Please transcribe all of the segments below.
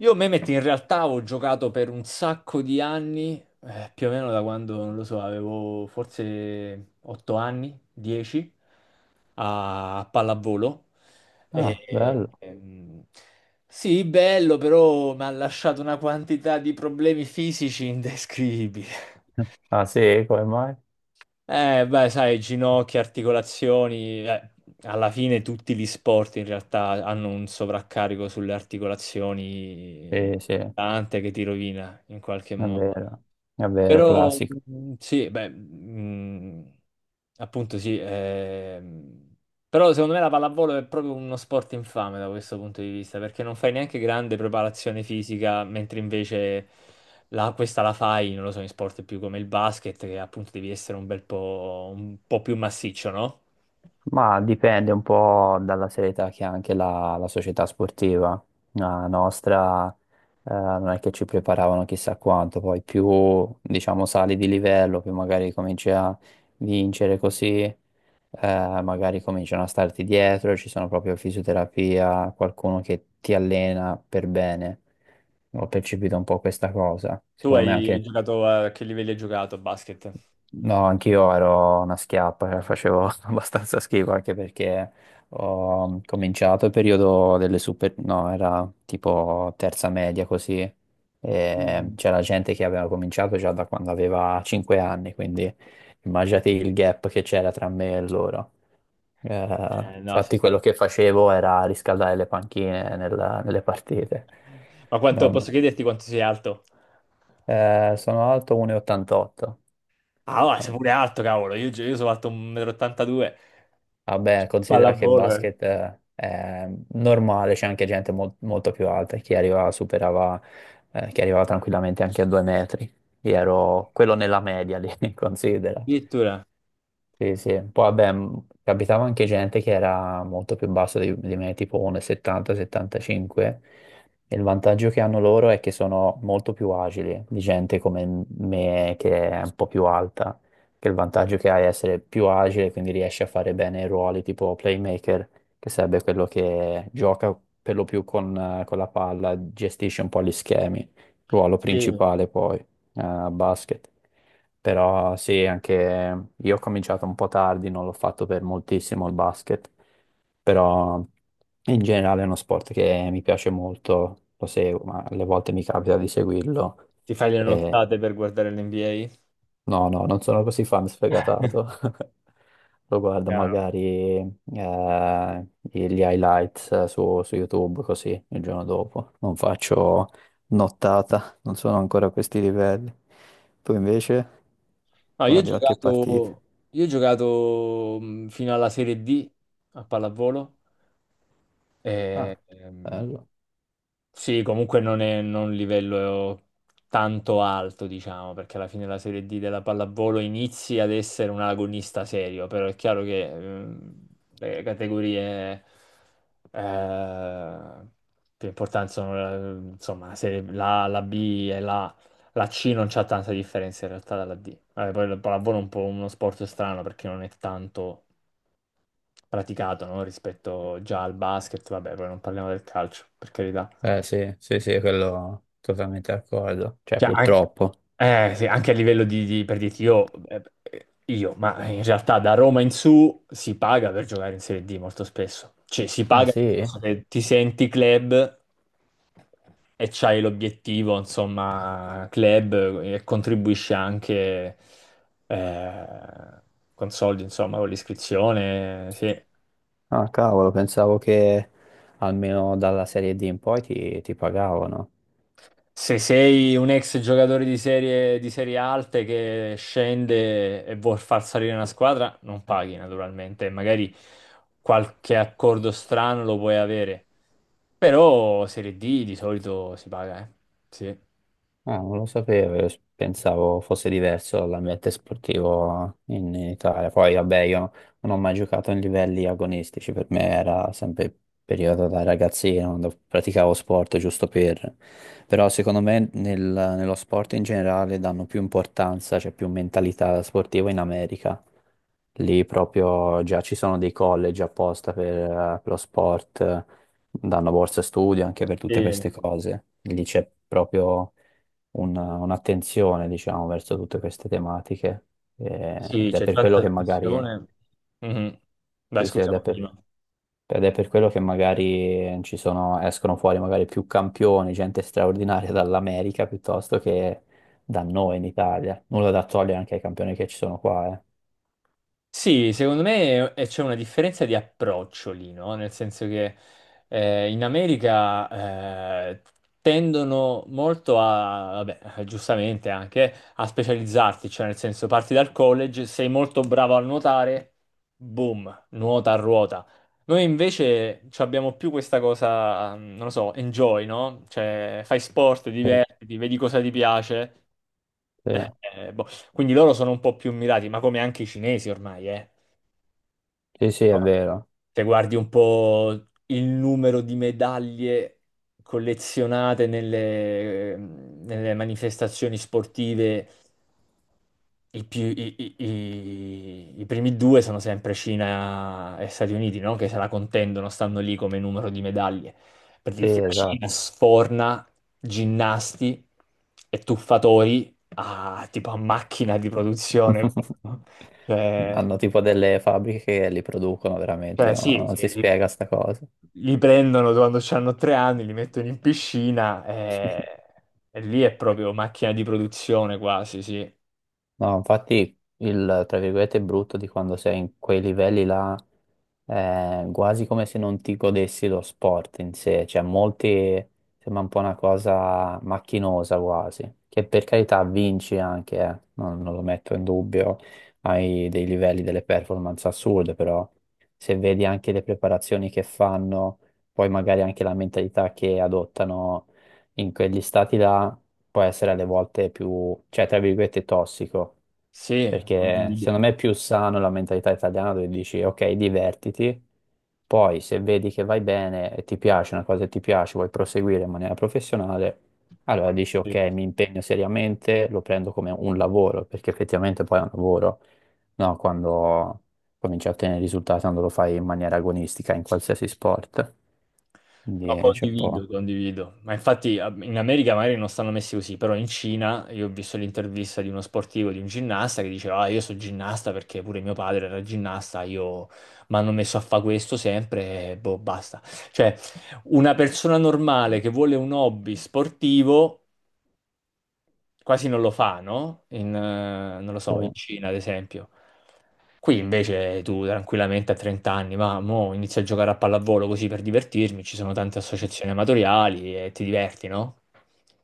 Io Mehmet in realtà ho giocato per un sacco di anni, più o meno da quando, non lo so, avevo forse 8 anni, 10, a pallavolo. Ah, E, bello. ehm, sì, bello, però mi ha lasciato una quantità di problemi fisici indescrivibili. Ah, sì, come mai? Beh, sai, ginocchia, articolazioni, alla fine tutti gli sport in realtà hanno un sovraccarico sulle articolazioni Sì, sì, tante che ti rovina in qualche modo. vero, è vero, Però classico. Sì, beh, appunto sì, però secondo me la pallavolo è proprio uno sport infame da questo punto di vista, perché non fai neanche grande preparazione fisica, mentre invece questa la fai, non lo so, in sport più come il basket, che appunto devi essere un bel po', un po' più massiccio, no? Ma dipende un po' dalla serietà che ha anche la società sportiva. La nostra, non è che ci preparavano chissà quanto, poi più, diciamo, sali di livello, più magari cominci a vincere così, magari cominciano a starti dietro, ci sono proprio fisioterapia, qualcuno che ti allena per bene. Ho percepito un po' questa cosa. Tu Secondo me hai anche. giocato a che livelli hai giocato a basket? No, anch'io ero una schiappa, cioè, facevo abbastanza schifo anche perché ho cominciato il periodo delle super, no, era tipo terza media così, e Mm. c'era gente che aveva cominciato già da quando aveva 5 anni, quindi immaginate il gap che c'era tra me e loro. No, sì. Infatti quello che facevo era riscaldare le panchine nelle partite. Non- Posso chiederti quanto sei alto? Sono alto 1,88. Ah, va, sei pure alto, cavolo. Io sono alto 1,82 m. Vabbè, considera che il Pallavolo, eh. basket è normale, c'è anche gente molto più alta, chi arrivava superava, chi arrivava tranquillamente anche a 2 metri. Io ero quello nella media lì, considera. Addirittura Sì, sì. Poi vabbè, capitava anche gente che era molto più basso di me, tipo 1,70-75, e settanta settantacinque. E il vantaggio che hanno loro è che sono molto più agili di gente come me che è un po' più alta, che il vantaggio che hai è essere più agile, quindi riesci a fare bene i ruoli tipo playmaker, che sarebbe quello che gioca per lo più con la palla, gestisce un po' gli schemi, ruolo sì. principale poi, a basket. Però sì, anche io ho cominciato un po' tardi, non l'ho fatto per moltissimo il basket, però in generale è uno sport che mi piace molto, lo seguo, ma alle volte mi capita di seguirlo. Ti fai le E nottate per guardare l'NBA? no, no, non sono così fan sfegatato. Lo guardo Chiaro. magari gli highlights su YouTube così il giorno dopo. Non faccio nottata, non sono ancora a questi livelli. Tu invece No, guardi qualche partita. Io ho giocato fino alla Serie D a pallavolo. Ah, E, bello. sì, comunque non un livello tanto alto, diciamo, perché alla fine la Serie D della pallavolo inizi ad essere un agonista serio, però è chiaro che le categorie eh, più importanti sono insomma la B e la C non c'ha tanta differenza in realtà dalla D. Vabbè, poi il pallavolo è un po' uno sport strano perché non è tanto praticato, no? Rispetto già al basket, vabbè, poi non parliamo del calcio, per carità. Eh sì, sì, sì, quello totalmente d'accordo. Cioè, Cioè, anche purtroppo. Sì, anche a livello di, per dirti io, ma in realtà da Roma in su si paga per giocare in Serie D molto spesso. Cioè, si Ah paga nel sì? senso che ti senti club e c'hai l'obiettivo, insomma, club e contribuisci anche eh, con soldi, insomma, con l'iscrizione, sì. Ah cavolo, pensavo che almeno dalla Serie D in poi ti pagavano. Se sei un ex giocatore di serie alte che scende e vuol far salire una squadra, non paghi naturalmente, magari qualche accordo strano lo puoi avere, però Serie D di solito si paga, eh. Sì, Ah, non lo sapevo, io pensavo fosse diverso l'ambiente sportivo in Italia. Poi, vabbè, io non ho mai giocato in livelli agonistici, per me era sempre periodo da ragazzino, quando praticavo sport giusto per... Però secondo me nello sport in generale danno più importanza, c'è più mentalità sportiva in America. Lì proprio già ci sono dei college apposta per lo sport, danno borse studio anche per sì, tutte queste cose. Lì c'è proprio un'attenzione, diciamo, verso tutte queste tematiche. Eh, sì, ed è c'è per quello tanta che magari, attenzione. Mhm. Dai, sì, sì, scusa, continua. ed è per quello che magari ci sono, escono fuori magari più campioni, gente straordinaria dall'America piuttosto che da noi in Italia. Nulla da togliere anche ai campioni che ci sono qua, eh. Sì, secondo me c'è una differenza di approccio lì, no? Nel senso che in America tendono molto a, vabbè, giustamente anche, a specializzarti, cioè nel senso parti dal college, sei molto bravo a nuotare, boom, nuota a ruota. Noi invece ci abbiamo più questa cosa, mm, non lo so, enjoy, no? Cioè fai sport, Sì, divertiti, vedi cosa ti piace. sì. eh, eh, boh. Quindi loro sono un po' più mirati, ma come anche i cinesi ormai, eh. Sì, sì, è vero. Se guardi un po' il numero di medaglie collezionate nelle manifestazioni sportive, i, più- i- i- i- i primi due sono sempre Cina e Stati Uniti, no? Che se la contendono, stanno lì come numero di medaglie. Per Sì, dirti, la Cina esatto. sforna ginnasti e tuffatori a, tipo a macchina di produzione. No? Cioè, Hanno tipo delle fabbriche che li producono veramente, no? sì, sì, Non si sì. spiega sta cosa. Li prendono quando hanno 3 anni, li mettono in piscina e lì è proprio macchina di produzione quasi, sì. No, infatti il, tra virgolette, brutto di quando sei in quei livelli là è quasi come se non ti godessi lo sport in sé, cioè molti sembra un po' una cosa macchinosa quasi, che per carità vinci anche, non, non lo metto in dubbio, hai dei livelli, delle performance assurde, però se vedi anche le preparazioni che fanno, poi magari anche la mentalità che adottano in quegli stati là può essere alle volte più, cioè, tra virgolette, tossico, Sì, perché condivido. secondo me è più sano la mentalità italiana dove dici, ok, divertiti, poi se vedi che vai bene e ti piace una cosa che ti piace, vuoi proseguire in maniera professionale, allora dici, ok, Sì. mi impegno seriamente, lo prendo come un lavoro, perché effettivamente poi è un lavoro, no? Quando cominci a ottenere risultati, quando lo fai in maniera agonistica in qualsiasi sport. Quindi No, c'è un po'. condivido, condivido. Ma infatti in America magari non stanno messi così, però in Cina io ho visto l'intervista di uno sportivo, di un ginnasta che diceva, ah, io sono ginnasta perché pure mio padre era ginnasta, io mi hanno messo a fare questo sempre e boh, basta. Cioè, una persona normale che vuole un hobby sportivo quasi non lo fa, no? In, non lo Sì. so, in Cina, ad esempio. Qui invece tu tranquillamente a 30 anni, ma mo inizio a giocare a pallavolo così per divertirmi, ci sono tante associazioni amatoriali e ti diverti, no?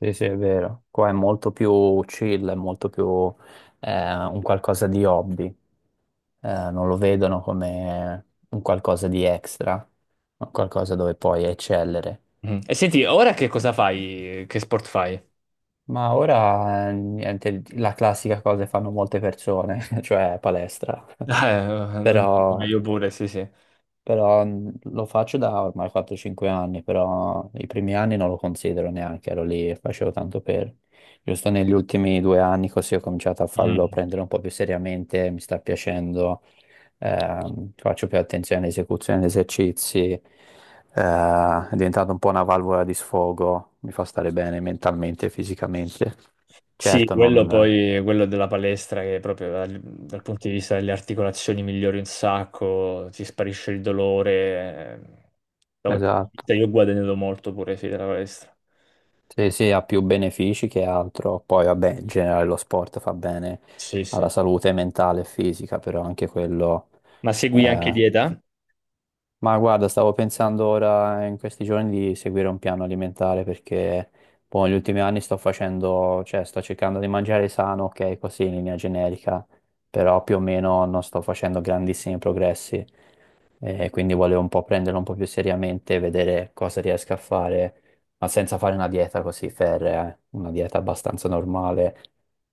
Sì, sì, è vero. Qua è molto più chill, è molto più un qualcosa di hobby. Non lo vedono come un qualcosa di extra, un qualcosa dove puoi eccellere. Mm. E senti, ora che cosa fai? Che sport fai? Ma ora, niente, la classica cosa che fanno molte persone, cioè palestra. Però io pure, sì, sì. Però lo faccio da ormai 4-5 anni, però i primi anni non lo considero neanche, ero lì e facevo tanto per... Giusto negli ultimi 2 anni così ho cominciato a farlo Mm. prendere un po' più seriamente, mi sta piacendo, faccio più attenzione all'esecuzione degli esercizi, è diventato un po' una valvola di sfogo, mi fa stare bene mentalmente e fisicamente. Sì, Certo, quello non... poi, quello della palestra che proprio dal punto di vista delle articolazioni migliori un sacco, ti sparisce il dolore. Eh, da quel punto di Esatto. vista io ho guadagnato molto pure, sì, della palestra. Sì, sì, ha più benefici che altro. Poi, vabbè, in generale lo sport fa bene Sì, alla sì. salute mentale e fisica, però anche quello Ma segui anche eh, dieta? ma guarda, stavo pensando ora in questi giorni di seguire un piano alimentare perché boh, negli ultimi anni sto facendo, cioè sto cercando di mangiare sano, ok, così in linea generica, però più o meno non sto facendo grandissimi progressi e quindi volevo un po' prenderlo un po' più seriamente, vedere cosa riesco a fare, ma senza fare una dieta così ferrea, una dieta abbastanza normale,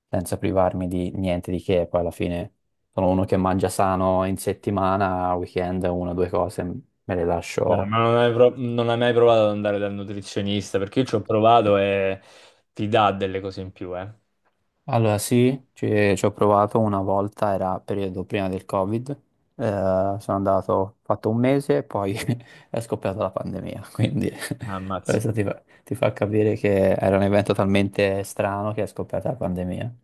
senza privarmi di niente di che, poi alla fine sono uno che mangia sano in settimana, a weekend una o due cose me le Dai, lascio. Non hai mai provato ad andare dal nutrizionista? Perché io ci ho provato e ti dà delle cose in più, eh. Allora sì, ci ho provato una volta, era periodo prima del Covid, sono andato, ho fatto 1 mese e poi è scoppiata la pandemia, quindi Ah, ammazza. questo ti fa capire che era un evento talmente strano che è scoppiata la pandemia.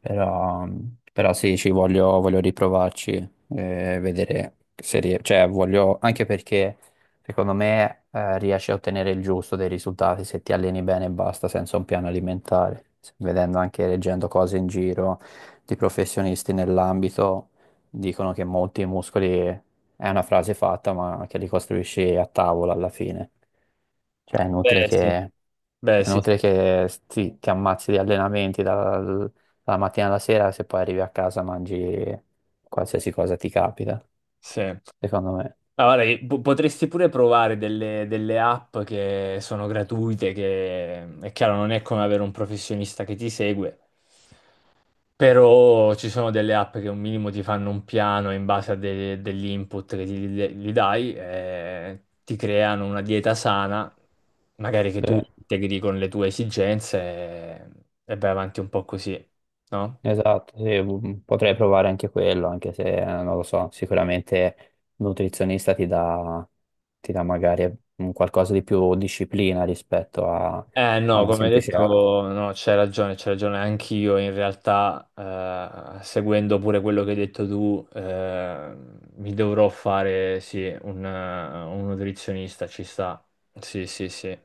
Però, però sì, voglio riprovarci, vedere se riesco, cioè voglio, anche perché... Secondo me, riesci a ottenere il giusto dei risultati se ti alleni bene e basta, senza un piano alimentare. Vedendo anche, leggendo cose in giro di professionisti nell'ambito, dicono che molti muscoli è una frase fatta, ma che li costruisci a tavola alla fine. Cioè, è inutile Beh, sì. che, Beh, è sì. inutile che ti ammazzi di allenamenti dalla mattina alla sera se poi arrivi a casa mangi qualsiasi cosa ti capita, Sì. Ma secondo me. guarda, che potresti pure provare delle app che sono gratuite, che è chiaro non è come avere un professionista che ti segue, però ci sono delle app che un minimo ti fanno un piano in base a degli input che gli dai, e ti creano una dieta sana, magari che tu Sì. integri con le tue esigenze e vai avanti un po' così, no? Esatto, sì, mm, potrei provare anche quello, anche se non lo so, sicuramente un nutrizionista ti dà magari un qualcosa di più disciplina rispetto a, Eh a no, una come hai semplice app. detto, no, c'hai ragione anch'io. In realtà, seguendo pure quello che hai detto tu, mi dovrò fare, sì, un nutrizionista, ci sta. Sì, sì, sì.